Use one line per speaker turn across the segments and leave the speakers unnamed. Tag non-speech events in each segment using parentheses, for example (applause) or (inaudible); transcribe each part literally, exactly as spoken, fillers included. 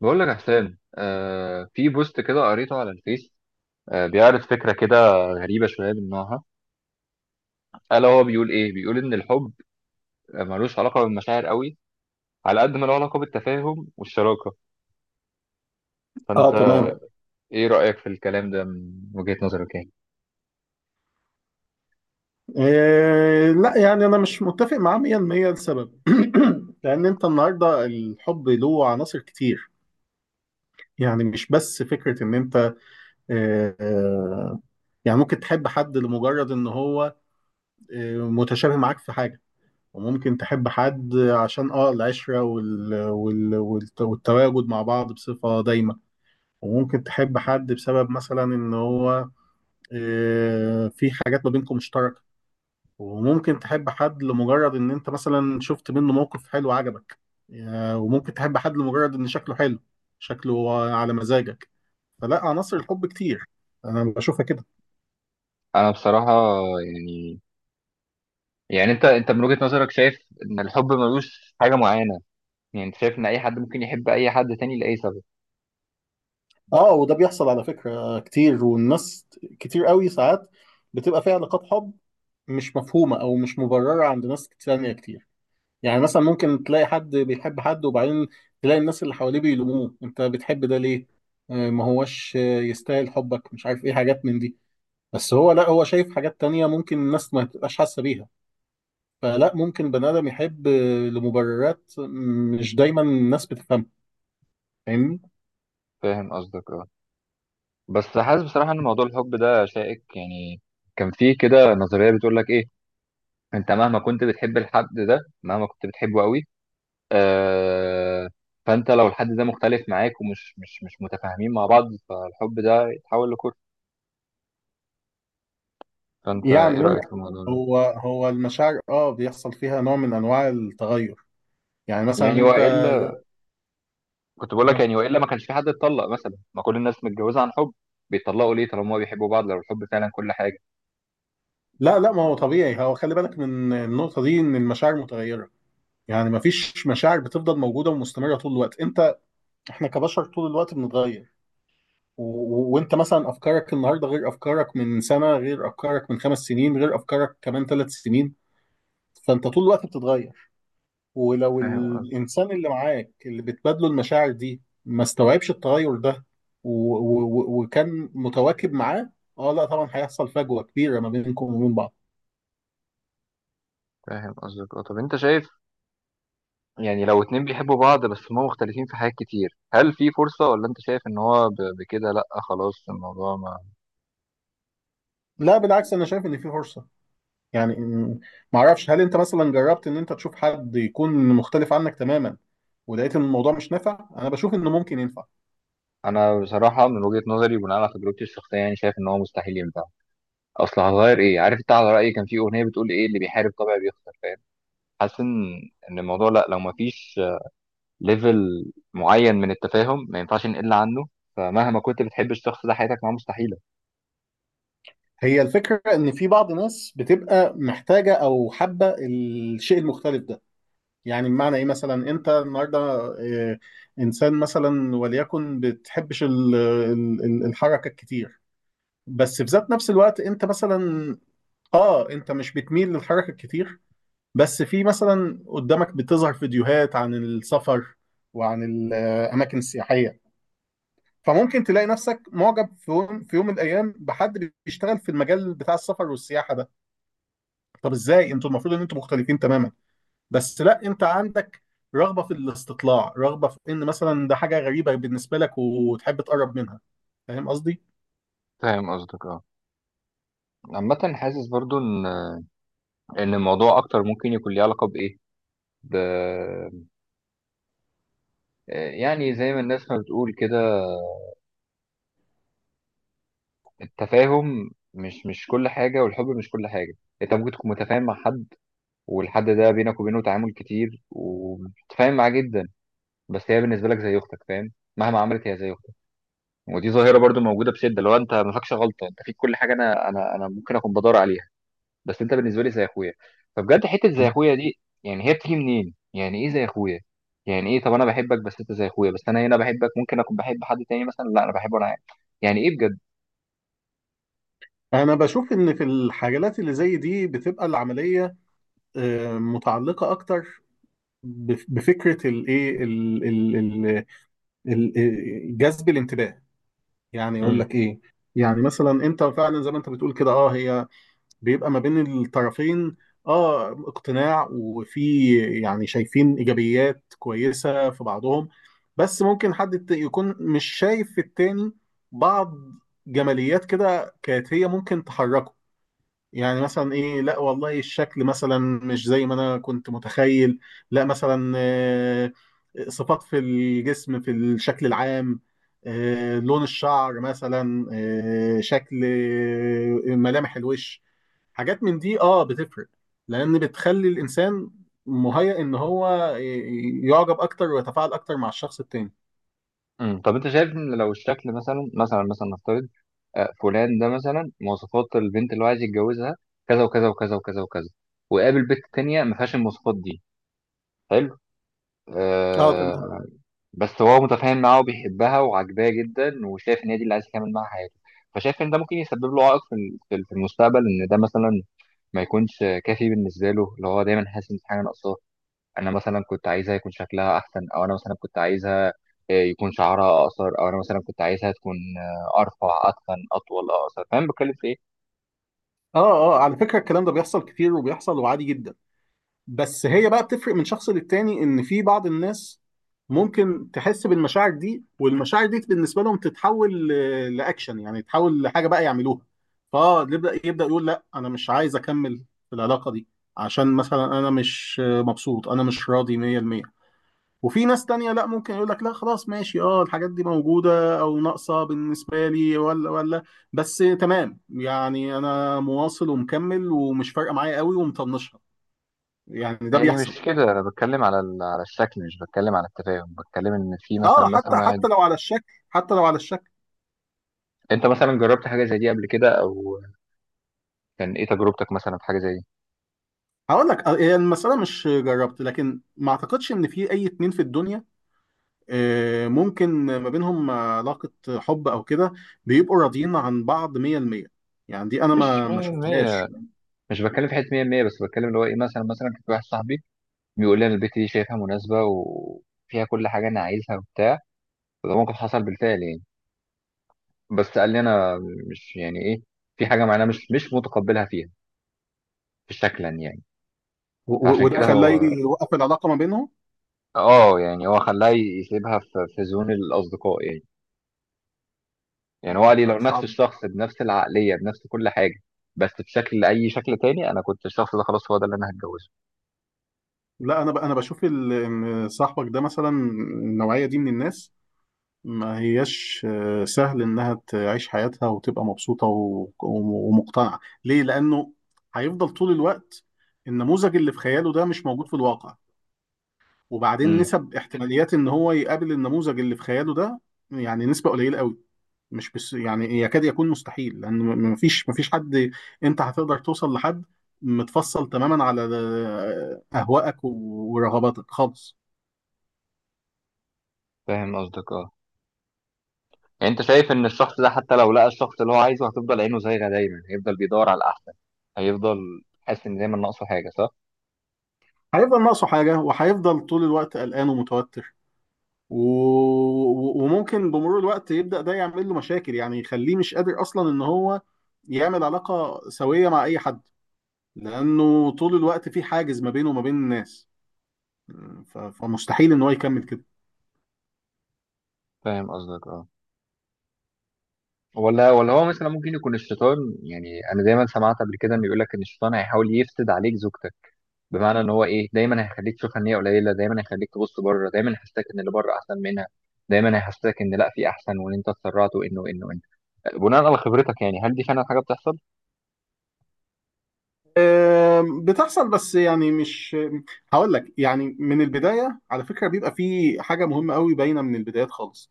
بقول لك يا حسام، آه في بوست كده قريته على الفيس. آه بيعرض فكرة كده غريبة شوية من نوعها. ألا هو بيقول إيه؟ بيقول إن الحب ملوش علاقة بالمشاعر قوي على قد ما له علاقة بالتفاهم والشراكة.
اه
فأنت
تمام.
إيه رأيك في الكلام ده من وجهة نظرك يعني؟
إيه لا يعني انا مش متفق معاه ميه في الميه. لسبب (clears throat) لان انت النهارده الحب له عناصر كتير. يعني مش بس فكره ان انت إيه، آه، يعني ممكن تحب حد لمجرد ان هو إيه متشابه معاك في حاجه. وممكن تحب حد عشان اه العشره وال وال والت- والتواجد مع بعض بصفه دايمه. وممكن تحب حد بسبب مثلا ان هو إيه في حاجات ما بينكم مشتركه. وممكن تحب حد لمجرد ان انت مثلا شفت منه موقف حلو عجبك. يا- وممكن تحب حد لمجرد ان شكله حلو، شكله على مزاجك. فلا عناصر الحب كتير، انا بشوفها كده.
أنا بصراحة، يعني يعني أنت أنت من وجهة نظرك شايف إن الحب ملوش حاجة معينة. يعني أنت شايف إن أي حد ممكن يحب أي حد تاني لأي سبب.
اه، وده بيحصل على فكرة كتير، والناس كتير قوي ساعات بتبقى فيها علاقات حب مش مفهومة او مش مبررة عند ناس تانية كتير. يعني مثلا ممكن تلاقي حد بيحب حد، وبعدين تلاقي الناس اللي حواليه بيلوموه: انت بتحب ده ليه؟ آه، ما هوش آه، يستاهل حبك، مش عارف ايه حاجات من دي. بس هو، لا، هو شايف حاجات تانية ممكن الناس ما تبقاش حاسة بيها. فلا ممكن بني آدم يحب لمبررات مش دايما الناس بتفهمها. فاهمني؟
فاهم قصدك أه. بس حاسس بصراحة إن موضوع الحب ده شائك يعني. كان فيه كده نظرية بتقول لك إيه، انت مهما كنت بتحب الحد ده مهما كنت بتحبه قوي، آه فانت لو الحد ده مختلف معاك ومش مش مش متفاهمين مع بعض فالحب ده يتحول لكره. فانت
يعني
ايه رايك
ممكن،
في الموضوع ده؟
هو هو المشاعر اه بيحصل فيها نوع من انواع التغير. يعني مثلا
يعني
انت
والا كنت بقول لك،
آه.
يعني والا ما كانش في حد اتطلق مثلا، ما كل الناس متجوزه عن حب. بيتطلقوا ليه طالما هما بيحبوا بعض لو الحب فعلا كل حاجه؟
لا لا، ما هو طبيعي، هو خلي بالك من النقطة دي ان المشاعر متغيرة. يعني ما فيش مشاعر بتفضل موجودة ومستمرة طول الوقت. انت، احنا كبشر طول الوقت بنتغير. و... و- وانت مثلا افكارك النهارده غير افكارك من سنه، غير افكارك من خمس سنين، غير افكارك كمان ثلاث سنين. فانت طول الوقت بتتغير. ولو
فاهم قصدك
الانسان اللي معاك اللي بتبادله المشاعر دي ما استوعبش التغير ده و... و... وكان متواكب معاه، اه لا طبعا هيحصل فجوه كبيره ما بينكم وبين بعض.
فاهم قصدك اه. طب انت شايف، يعني لو اتنين بيحبوا بعض بس هما مختلفين في حاجات كتير، هل في فرصه ولا انت شايف ان هو ب- بكده لا. خلاص الموضوع.
لا بالعكس، انا شايف ان في فرصه. يعني م- معرفش، هل انت مثلا جربت ان انت تشوف حد يكون مختلف عنك تماما ولقيت ان الموضوع مش نافع؟ انا بشوف انه ممكن ينفع.
انا بصراحه من وجهه نظري بناء على تجربتي الشخصيه يعني شايف ان هو مستحيل ينفع. اصل هتغير ايه؟ عارف انت، على رايي كان في اغنيه بتقول ايه، اللي بيحارب طبعا بيخسر، فاهم. حاسس ان ان الموضوع، لا، لو ما فيش ليفل معين من التفاهم ما ينفعش نقل عنه. فمهما كنت بتحب الشخص ده حياتك معاه مستحيله.
هي الفكرة إن في بعض ناس بتبقى محتاجة أو حابة الشيء المختلف ده. يعني بمعنى إيه؟ مثلا أنت النهاردة، آه، إنسان مثلا وليكن بتحبش ال- ال- ال- الحركة الكتير. بس في ذات نفس الوقت أنت مثلا، آه أنت مش بتميل للحركة الكتير، بس في مثلا قدامك بتظهر فيديوهات عن السفر وعن الأماكن السياحية. فممكن تلاقي نفسك معجب في يوم في يوم من الأيام بحد بيشتغل في المجال بتاع السفر والسياحة ده. طب ازاي انتوا المفروض ان انتوا مختلفين تماما؟ بس لا، انت عندك رغبه في الاستطلاع، رغبه في ان مثلا ده حاجه غريبه بالنسبه لك وتحب تقرب منها. فاهم قصدي؟
فاهم قصدك اه. عامه حاسس برضو ان ان الموضوع اكتر ممكن يكون ليه علاقه بايه، ب... يعني زي ما الناس ما بتقول كده، التفاهم مش مش كل حاجه والحب مش كل حاجه. انت ممكن تكون متفاهم مع حد، والحد ده بينك وبينه تعامل كتير وبتتفاهم معاه جدا، بس هي بالنسبه لك زي اختك، فاهم. مهما عملت هي زي اختك. ودي ظاهره برضو موجوده بشده، لو انت ما فيكش غلطه انت فيك كل حاجه، انا انا انا ممكن اكون بدور عليها. بس انت بالنسبه لي زي اخويا، فبجد حته زي اخويا دي يعني هي بتيجي منين؟ يعني ايه زي اخويا؟ يعني ايه؟ طب انا بحبك بس انت زي اخويا، بس انا هنا بحبك ممكن اكون بحب حد تاني مثلا، لا انا بحبه انا عادي. يعني ايه بجد؟
انا بشوف ان في الحاجات اللي زي دي بتبقى العمليه آه، متعلقه اكتر بف- بفكره الايه ال- ال- ال- ال- جذب الانتباه. يعني يقول لك
مم.
ايه، يعني مثلا انت فعلا زي ما انت بتقول كده. اه، هي بيبقى ما بين الطرفين اه اقتناع، وفي يعني شايفين ايجابيات كويسه في بعضهم، بس ممكن حد الت- يكون مش شايف في التاني بعض جماليات كده كانت هي ممكن تحركه. يعني مثلا، ايه لا والله الشكل مثلا مش زي ما انا كنت متخيل. لا مثلا آه، صفات في الجسم، في الشكل العام، آه، لون الشعر مثلا، آه، شكل، آه، ملامح الوش، حاجات من دي اه بتفرق. لان بتخلي الانسان مهيأ ان هو ي- يعجب اكتر ويتفاعل اكتر مع الشخص التاني.
امم طب انت شايف ان لو الشكل مثلا مثلا مثلا نفترض، آه، فلان ده مثلا مواصفات البنت اللي هو عايز يتجوزها كذا وكذا وكذا وكذا وكذا، وقابل بنت تانية ما فيهاش المواصفات دي. حلو.
اه تمام.
آه بس هو متفاهم معاها وبيحبها وعاجباه جدا وشايف ان هي دي اللي عايز يكمل معاها حياته. فشايف ان ده ممكن يسبب له عائق في ال- في ال- في المستقبل، ان ده مثلا ما يكونش كافي بالنسبه له، اللي هو دايما حاسس ان في حاجه ناقصاه. انا مثلا كنت عايزها يكون شكلها احسن، او انا مثلا كنت عايزها آه، يكون شعرها اقصر، او انا مثلا كنت عايزها تكون آه، ارفع، اتخن، اطول، اقصر، فاهم بتكلم في ايه؟
اه اه، على فكرة الكلام ده بيحصل كتير وبيحصل وعادي جدا. بس هي بقى بتفرق من شخص للتاني ان في بعض الناس ممكن تحس بالمشاعر دي، والمشاعر دي بالنسبة لهم تتحول ل- لاكشن، يعني تتحول لحاجة بقى يعملوها. فاه يبدأ يبدأ يقول لا انا مش عايز اكمل في العلاقة دي، عشان مثلا انا مش مبسوط، انا مش راضي ميه في الميه. وفي ناس تانية لا، ممكن يقول لك لا خلاص ماشي، اه الحاجات دي موجودة او ناقصة بالنسبة لي ولا ولا، بس تمام يعني انا مواصل ومكمل ومش فارقة معايا قوي ومطنشها. يعني ده
يعني
بيحصل.
مش كده، انا بتكلم على ال- على الشكل، مش بتكلم على التفاهم، بتكلم ان في مثلا
اه،
مثلا
حتى
واحد.
حتى لو على الشكل، حتى لو على الشكل.
انت مثلا جربت حاجه زي دي قبل كده؟ او كان ايه تجربتك مثلا في حاجه زي دي؟
هقول لك آه، هي المسألة مش جربت، لكن ما اعتقدش ان في اي اتنين في الدنيا آه، ممكن ما بينهم علاقة حب او كده بيبقوا راضيين عن بعض مية في المية. يعني دي انا
مش
ما ما
مية بالمية،
شفتهاش.
مش بتكلم في حته مية في المية، بس بتكلم اللي هو ايه، مثلا مثلا كان في واحد صاحبي بيقول لي انا البت دي شايفها مناسبه وفيها كل حاجه انا عايزها وبتاع، وده موقف حصل بالفعل يعني. بس قال لي انا مش، يعني ايه، في حاجه معينه مش مش متقبلها فيها، في شكلا يعني.
و- و-
فعشان
وده
كده اه
خلاني
هو،
يوقف العلاقة ما بينهم.
اه يعني هو خلاه يسيبها في في زون الاصدقاء يعني. يعني هو
مم.
قال لي لو
لا
نفس
صعب.
الشخص بنفس العقليه بنفس كل حاجه، بس بشكل، اي شكل تاني، انا كنت الشخص ده خلاص، هو ده اللي انا هتجوزه.
لا، انا ب... انا بشوف ال... ان صاحبك ده مثلا النوعيه دي من الناس ما هياش آه، سهل انها تعيش حياتها وتبقى مبسوطه و... وم- ومقتنعه. ليه؟ لانه هيفضل طول الوقت النموذج اللي في خياله ده مش موجود في الواقع. وبعدين
امم
نسب احتماليات ان هو يقابل النموذج اللي في خياله ده، يعني نسبه قليله قوي، مش بس يعني، يكاد يكون مستحيل، لان م- مفيش مفيش حد. انت هتقدر توصل لحد متفصل تماما على اهوائك و- ورغباتك خالص؟
فاهم قصدك اه. يعني انت شايف ان الشخص ده حتى لو لقى الشخص اللي هو عايزه هتفضل عينه زايغه، دايما هيفضل بيدور على الاحسن، هيفضل حاسس ان دايما ناقصه حاجه، صح؟
هيفضل ناقصه حاجه، وهيفضل طول الوقت قلقان ومتوتر، و... و- وممكن بمرور الوقت يبدا ده يعمل له مشاكل، يعني يخليه مش قادر اصلا ان هو يعمل علاقه سويه مع اي حد، لانه طول الوقت في حاجز ما بينه وما بين الناس. ف... فمستحيل ان هو يكمل كده.
فاهم قصدك اه. ولا ولا هو مثلا ممكن يكون الشيطان، يعني انا دايما سمعت قبل كده انه يقول لك ان الشيطان هيحاول يفسد عليك زوجتك، بمعنى ان هو ايه، دايما هيخليك تشوف ان هي قليله، دايما هيخليك تبص بره، دايما هيحسسك ان اللي بره احسن منها، دايما هيحسسك ان لا في احسن، وان انت اتسرعت، وانه انه انت، بناء على خبرتك يعني، هل دي فعلا حاجه بتحصل؟
آم، بتحصل، بس يعني مش، هقول لك يعني من البداية على فكرة بيبقى في حاجة مهمة قوي باينة من البدايات خالص.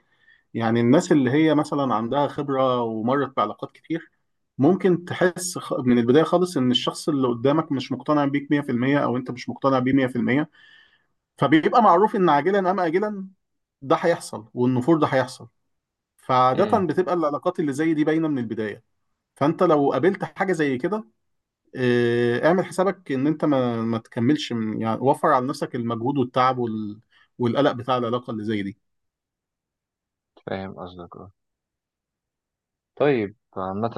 يعني الناس اللي هي مثلا عندها خبرة ومرت بعلاقات كتير ممكن تحس خ- من البداية خالص ان الشخص اللي قدامك مش مقتنع بيك مية في المية، او انت مش مقتنع بيه مية في المية. فبيبقى معروف ان عاجلا ام اجلا ده هيحصل، والنفور ده هيحصل. فعادة
امم
بتبقى العلاقات اللي زي دي باينة من البداية. فانت لو قابلت حاجة زي كده آه، اعمل حسابك ان انت ما ما تكملش، من يعني وفر على نفسك المجهود والتعب وال... والقلق بتاع العلاقة اللي زي دي.
فاهم قصدك اه. طيب عامة،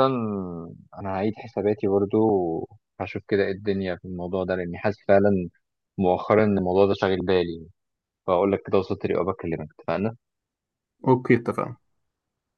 انا هعيد حساباتي برضو وهشوف كده ايه الدنيا في الموضوع ده، لاني حاسس فعلا مؤخرا ان الموضوع ده شاغل بالي. فاقول لك كده، وصلت لي، وبكلمك، اتفقنا؟
اوكي، اتفقنا.